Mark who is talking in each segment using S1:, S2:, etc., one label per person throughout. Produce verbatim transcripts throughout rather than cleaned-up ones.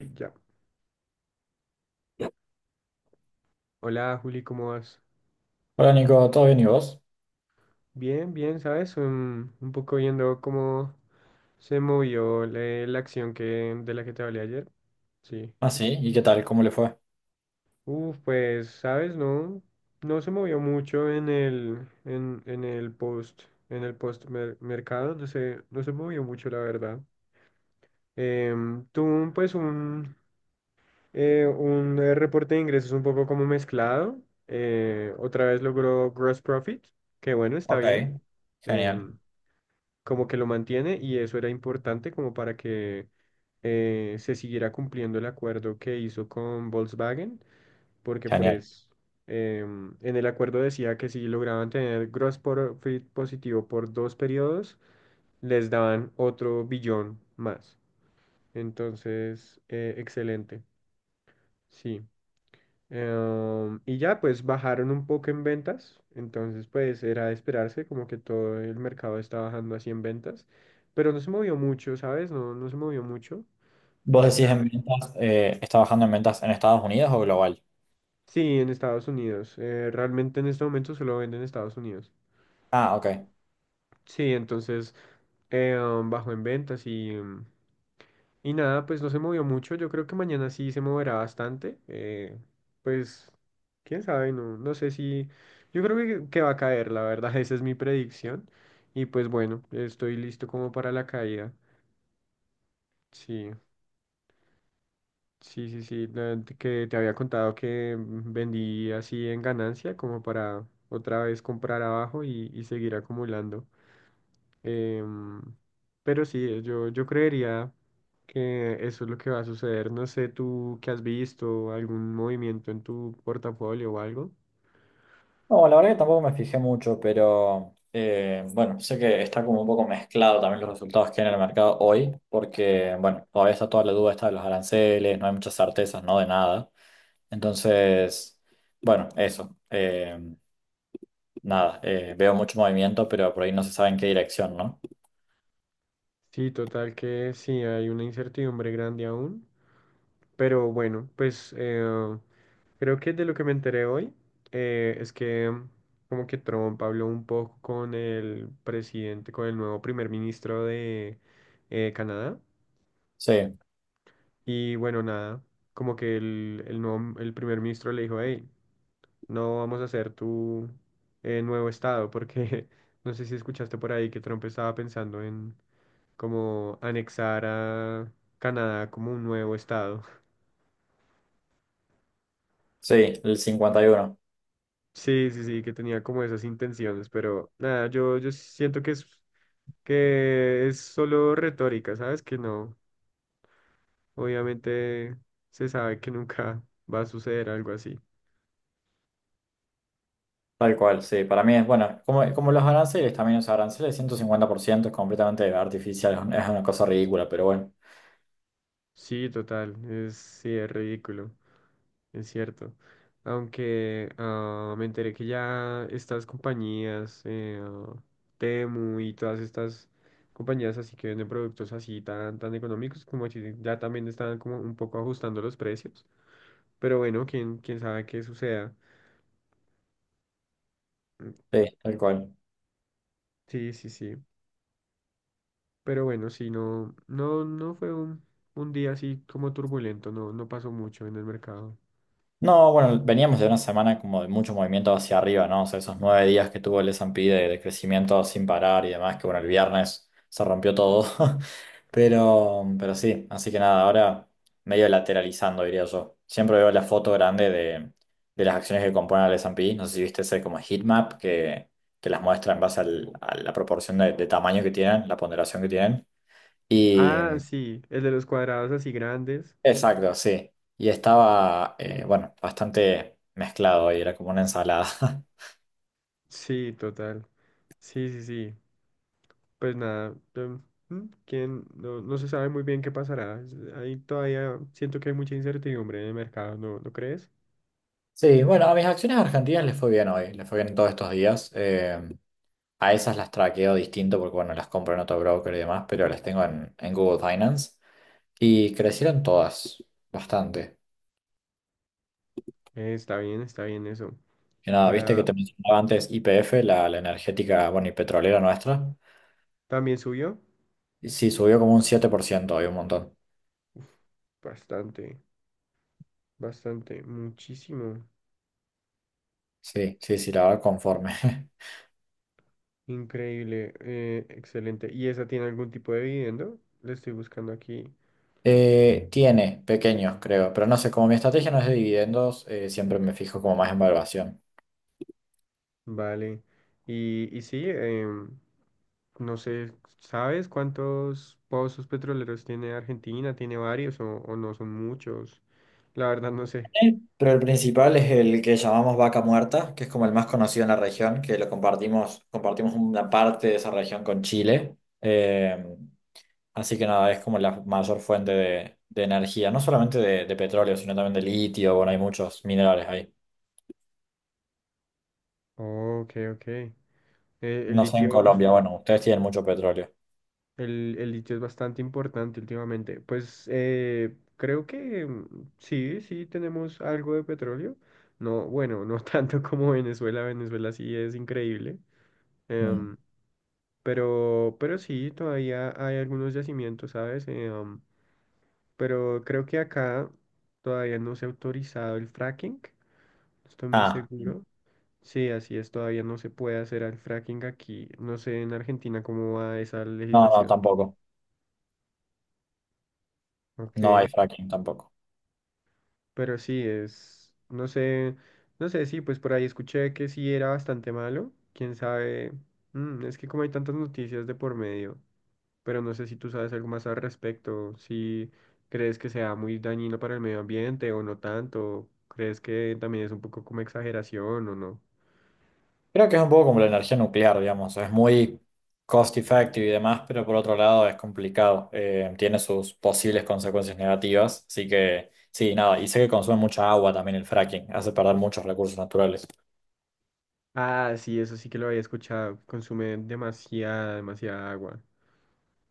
S1: Ya. Hola Juli, ¿cómo vas?
S2: Hola Nico, ¿todo bien y vos?
S1: Bien, bien, ¿sabes? Un, un poco viendo cómo se movió la, la acción que, de la que te hablé ayer. Sí.
S2: Ah, sí, ¿y qué tal? ¿Cómo le fue?
S1: Uf, pues, ¿sabes? No, no se movió mucho en el, en, en el post, en el post mer- mercado, no se, no se movió mucho, la verdad. Em, tuvo pues un, eh, un eh, reporte de ingresos un poco como mezclado. Eh, otra vez logró gross profit, que bueno, está
S2: Ok.
S1: bien.
S2: Genial,
S1: Em, Como que lo mantiene y eso era importante como para que eh, se siguiera cumpliendo el acuerdo que hizo con Volkswagen, porque
S2: genial.
S1: pues em, en el acuerdo decía que si lograban tener gross profit positivo por dos periodos, les daban otro billón más. Entonces, eh, excelente, sí. Em, y ya, pues bajaron un poco en ventas, entonces pues era de esperarse, como que todo el mercado está bajando así en ventas, pero no se movió mucho, ¿sabes? No, no se movió mucho.
S2: ¿Vos decís
S1: Falta.
S2: en ventas, eh, estás trabajando en ventas en Estados Unidos o global?
S1: Sí, en Estados Unidos. Eh, realmente en este momento solo venden en Estados Unidos.
S2: Ah, ok.
S1: Sí, entonces eh, bajó en ventas y... em, Y nada, pues no se movió mucho. Yo creo que mañana sí se moverá bastante. eh, pues, quién sabe, no, no sé si. Yo creo que, que va a caer, la verdad. Esa es mi predicción. Y pues bueno, estoy listo como para la caída. Sí, sí, sí, sí. la- Que te había contado que mm, vendí así en ganancia, como para otra vez comprar abajo y, y seguir acumulando. Em, pero sí, yo, yo creería que eso es lo que va a suceder. No sé, tú qué has visto, algún movimiento en tu portafolio o algo.
S2: No, la verdad que tampoco me fijé mucho, pero eh, bueno, sé que está como un poco mezclado también los resultados que hay en el mercado hoy, porque bueno, todavía está toda la duda esta de los aranceles, no hay muchas certezas, no de nada. Entonces, bueno, eso. eh, nada, eh, veo mucho movimiento, pero por ahí no se sabe en qué dirección, ¿no?
S1: Sí, total que sí, hay una incertidumbre grande aún. Pero bueno, pues eh, creo que de lo que me enteré hoy eh, es que mm, como que Trump habló un poco con el presidente, con el nuevo primer ministro de eh, Canadá.
S2: Sí.
S1: Y bueno, nada, como que el, el nuevo, el primer ministro le dijo, hey, no vamos a hacer tu eh, nuevo estado, porque no sé si escuchaste por ahí que Trump estaba pensando en como anexar a Canadá como un nuevo estado.
S2: Sí, el cincuenta y uno,
S1: Sí, sí, sí, que tenía como esas intenciones, pero nada, yo, yo siento que es, que es solo retórica, ¿sabes? Que no, obviamente se sabe que nunca va a suceder algo así.
S2: tal cual, sí. Para mí es, bueno, como, como los aranceles también, los aranceles ciento cincuenta por ciento es completamente artificial, es una es una cosa ridícula, pero bueno,
S1: Sí, total, es, sí, es ridículo, es cierto. Aunque ah, me enteré que ya estas compañías, eh, ah, Temu y todas estas compañías así que venden productos así tan, tan económicos, como que ya también están como un poco ajustando los precios. Pero bueno, quién, quién sabe qué suceda. Mm,
S2: sí, tal cual.
S1: sí, sí, sí. Pero bueno, sí, no, no, no fue un, un día así como turbulento, no, no pasó mucho en el mercado.
S2: No, bueno, veníamos de una semana como de mucho movimiento hacia arriba, ¿no? O sea, esos nueve días que tuvo el S y P de, de crecimiento sin parar y demás, que bueno, el viernes se rompió todo. Pero, pero sí, así que nada, ahora medio lateralizando, diría yo. Siempre veo la foto grande de, de las acciones que componen el S y P. No sé si viste ese como heatmap que, que las muestra en base al- a la proporción de, de tamaño que tienen, la ponderación que
S1: Ah,
S2: tienen.
S1: sí, el de los cuadrados así grandes.
S2: Exacto, sí. Y estaba, eh, bueno, bastante mezclado y era como una ensalada.
S1: Sí, total. Sí, sí, sí. Pues nada, em, mm, quién no, no se sabe muy bien qué pasará. Es- Ahí todavía siento que hay mucha incertidumbre en el mercado, ¿no, no crees?
S2: Sí, bueno, a mis acciones argentinas les fue bien hoy, les fue bien todos estos días. Eh, a esas las traqueo distinto porque, bueno, las compro en otro broker y demás, pero las tengo en, en Google Finance. Y crecieron todas, bastante.
S1: Eh, está bien, está bien eso.
S2: Y nada, viste que
S1: Para
S2: te mencionaba antes Y P F, la, la energética, bueno, y petrolera nuestra.
S1: también subió
S2: Y sí, subió como un siete por ciento hoy, un montón.
S1: bastante, bastante, muchísimo.
S2: Sí, sí, sí, la verdad, conforme.
S1: Increíble, eh, excelente. ¿Y esa tiene algún tipo de dividendo? Le estoy buscando aquí.
S2: Eh, tiene pequeños, creo, pero no sé, como mi estrategia no es de dividendos, eh, siempre me fijo como más en valuación.
S1: Vale. Y, y sí, em, No sé, ¿sabes cuántos pozos petroleros tiene Argentina? ¿Tiene varios o, o no son muchos? La verdad no sé.
S2: Sí. Pero el principal es el que llamamos vaca muerta, que es como el más conocido en la región, que lo compartimos, compartimos una parte de esa región con Chile. Eh, así que nada, es como la mayor fuente de, de energía, no solamente de, de petróleo, sino también de litio, bueno, hay muchos minerales ahí.
S1: Ok, ok. Eh, el
S2: No sé en
S1: litio, uf,
S2: Colombia, bueno, ustedes tienen mucho petróleo.
S1: el, el litio es bastante importante últimamente. Pues eh, creo que mm, sí, sí tenemos algo de petróleo. No, bueno, no tanto como Venezuela. Venezuela sí es increíble.
S2: Mm.
S1: Em, pero, pero, sí, todavía hay algunos yacimientos, ¿sabes? Em, pero creo que acá todavía no se ha autorizado el fracking, no estoy muy
S2: Ah,
S1: seguro. Sí, así es, todavía no se puede hacer el fracking aquí. No sé en Argentina cómo va esa
S2: no, no,
S1: legislación.
S2: tampoco. No hay
S1: Ok,
S2: fracking tampoco.
S1: pero sí es, no sé, no sé, sí, pues por ahí escuché que sí era bastante malo, quién sabe. Mm, es que como hay tantas noticias de por medio, pero no sé si tú sabes algo más al respecto, si crees que sea muy dañino para el medio ambiente o no tanto, crees que también es un poco como exageración o no.
S2: Creo que es un poco como la energía nuclear, digamos, es muy cost effective y demás, pero por otro lado es complicado, eh, tiene sus posibles consecuencias negativas, así que sí, nada, y sé que consume mucha agua también el fracking, hace perder muchos recursos naturales.
S1: Ah, sí, eso sí que lo había escuchado, consume demasiada, demasiada agua.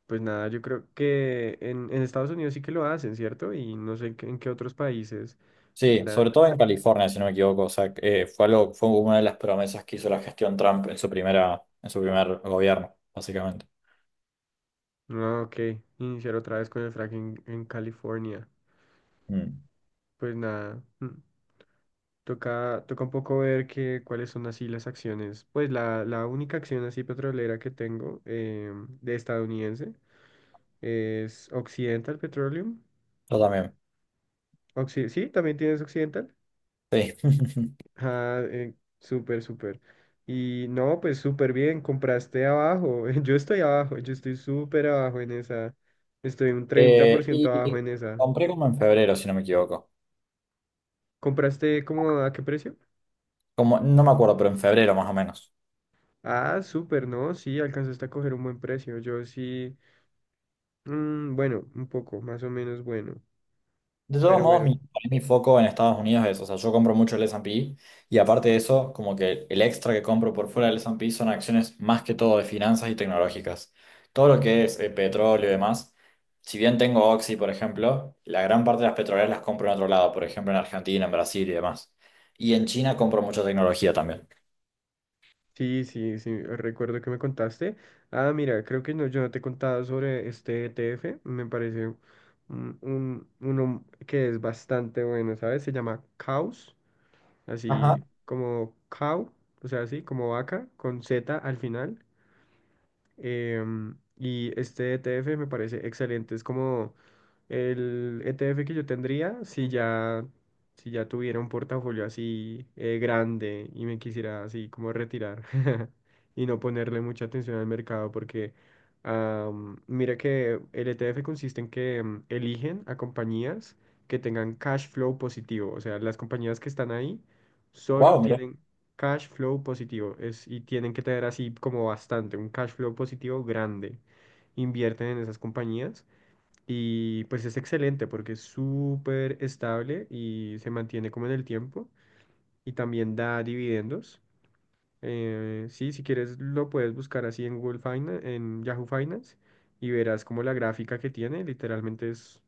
S1: Pues nada, yo creo que en, en Estados Unidos sí que lo hacen, ¿cierto? Y no sé en qué en qué otros países,
S2: Sí,
S1: ¿verdad?
S2: sobre todo en California, si no me equivoco, o sea, eh, fue algo, fue una de las promesas que hizo la gestión Trump en su primera, en su primer gobierno, básicamente.
S1: No, ok, iniciar otra vez con el fracking en California.
S2: Mm,
S1: Pues nada. Mm. Toca, toca un poco ver que, cuáles son así las acciones. Pues la, la única acción así petrolera que tengo eh, de estadounidense es Occidental Petroleum.
S2: yo también,
S1: Occi- sí, también tienes Occidental.
S2: sí.
S1: Ah, eh, súper, súper. Y no, pues súper bien, compraste abajo. Yo estoy abajo, yo estoy súper abajo en esa. Estoy un treinta por
S2: Eh,
S1: ciento abajo
S2: y
S1: en esa.
S2: compré como en febrero, si no me equivoco,
S1: ¿Compraste como a qué precio?
S2: como, no me acuerdo, pero en febrero más o menos.
S1: Ah, súper, no, sí, alcanzaste a coger un buen precio. Yo sí. Mm, bueno, un poco, más o menos bueno.
S2: De todos
S1: Pero
S2: modos,
S1: bueno,
S2: mi, para mí mi foco en Estados Unidos es, o sea, yo compro mucho el S y P y pe y aparte de eso, como que el extra que compro por fuera del S y P son acciones más que todo de finanzas y tecnológicas. Todo lo que es eh, petróleo y demás, si bien tengo Oxy, por ejemplo, la gran parte de las petroleras las compro en otro lado, por ejemplo, en Argentina, en Brasil y demás. Y en China compro mucha tecnología también.
S1: sí, sí, sí, recuerdo que me contaste. Ah, mira, creo que no, yo no te he contado sobre este E T F. Me parece un, un- uno que es bastante bueno, ¿sabes? Se llama Caus,
S2: Ajá.
S1: así como cow, o sea, así como vaca, con zeta al final. Em, y este E T F me parece excelente. Es como el E T F que yo tendría, si ya, si ya tuviera un portafolio así eh, grande y me quisiera así como retirar y no ponerle mucha atención al mercado, porque am, mira que el E T F consiste en que mm, eligen a compañías que tengan cash flow positivo, o sea, las compañías que están ahí solo
S2: Wow, mira.
S1: tienen cash flow positivo es, y tienen que tener así como bastante, un cash flow positivo grande. Invierten en esas compañías y pues es excelente porque es súper estable y se mantiene como en el tiempo y también da dividendos. Eh, sí, si quieres lo puedes buscar así en Google Finance, en Yahoo Finance y verás como la gráfica que tiene literalmente es,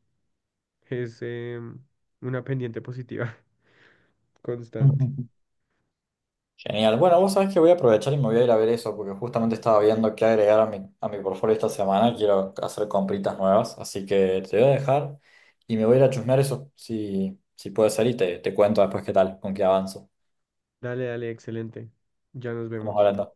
S1: es em, una pendiente positiva constante.
S2: Genial. Bueno, vos sabés que voy a aprovechar y me voy a ir a ver eso porque justamente estaba viendo qué agregar a mi, a mi portfolio esta semana. Quiero hacer compritas nuevas, así que te voy a dejar y me voy a ir a chusmear eso, si, si puede ser, y te, te cuento después qué tal, con qué avanzo.
S1: Dale, dale, excelente. Ya nos
S2: Estamos
S1: vemos.
S2: hablando.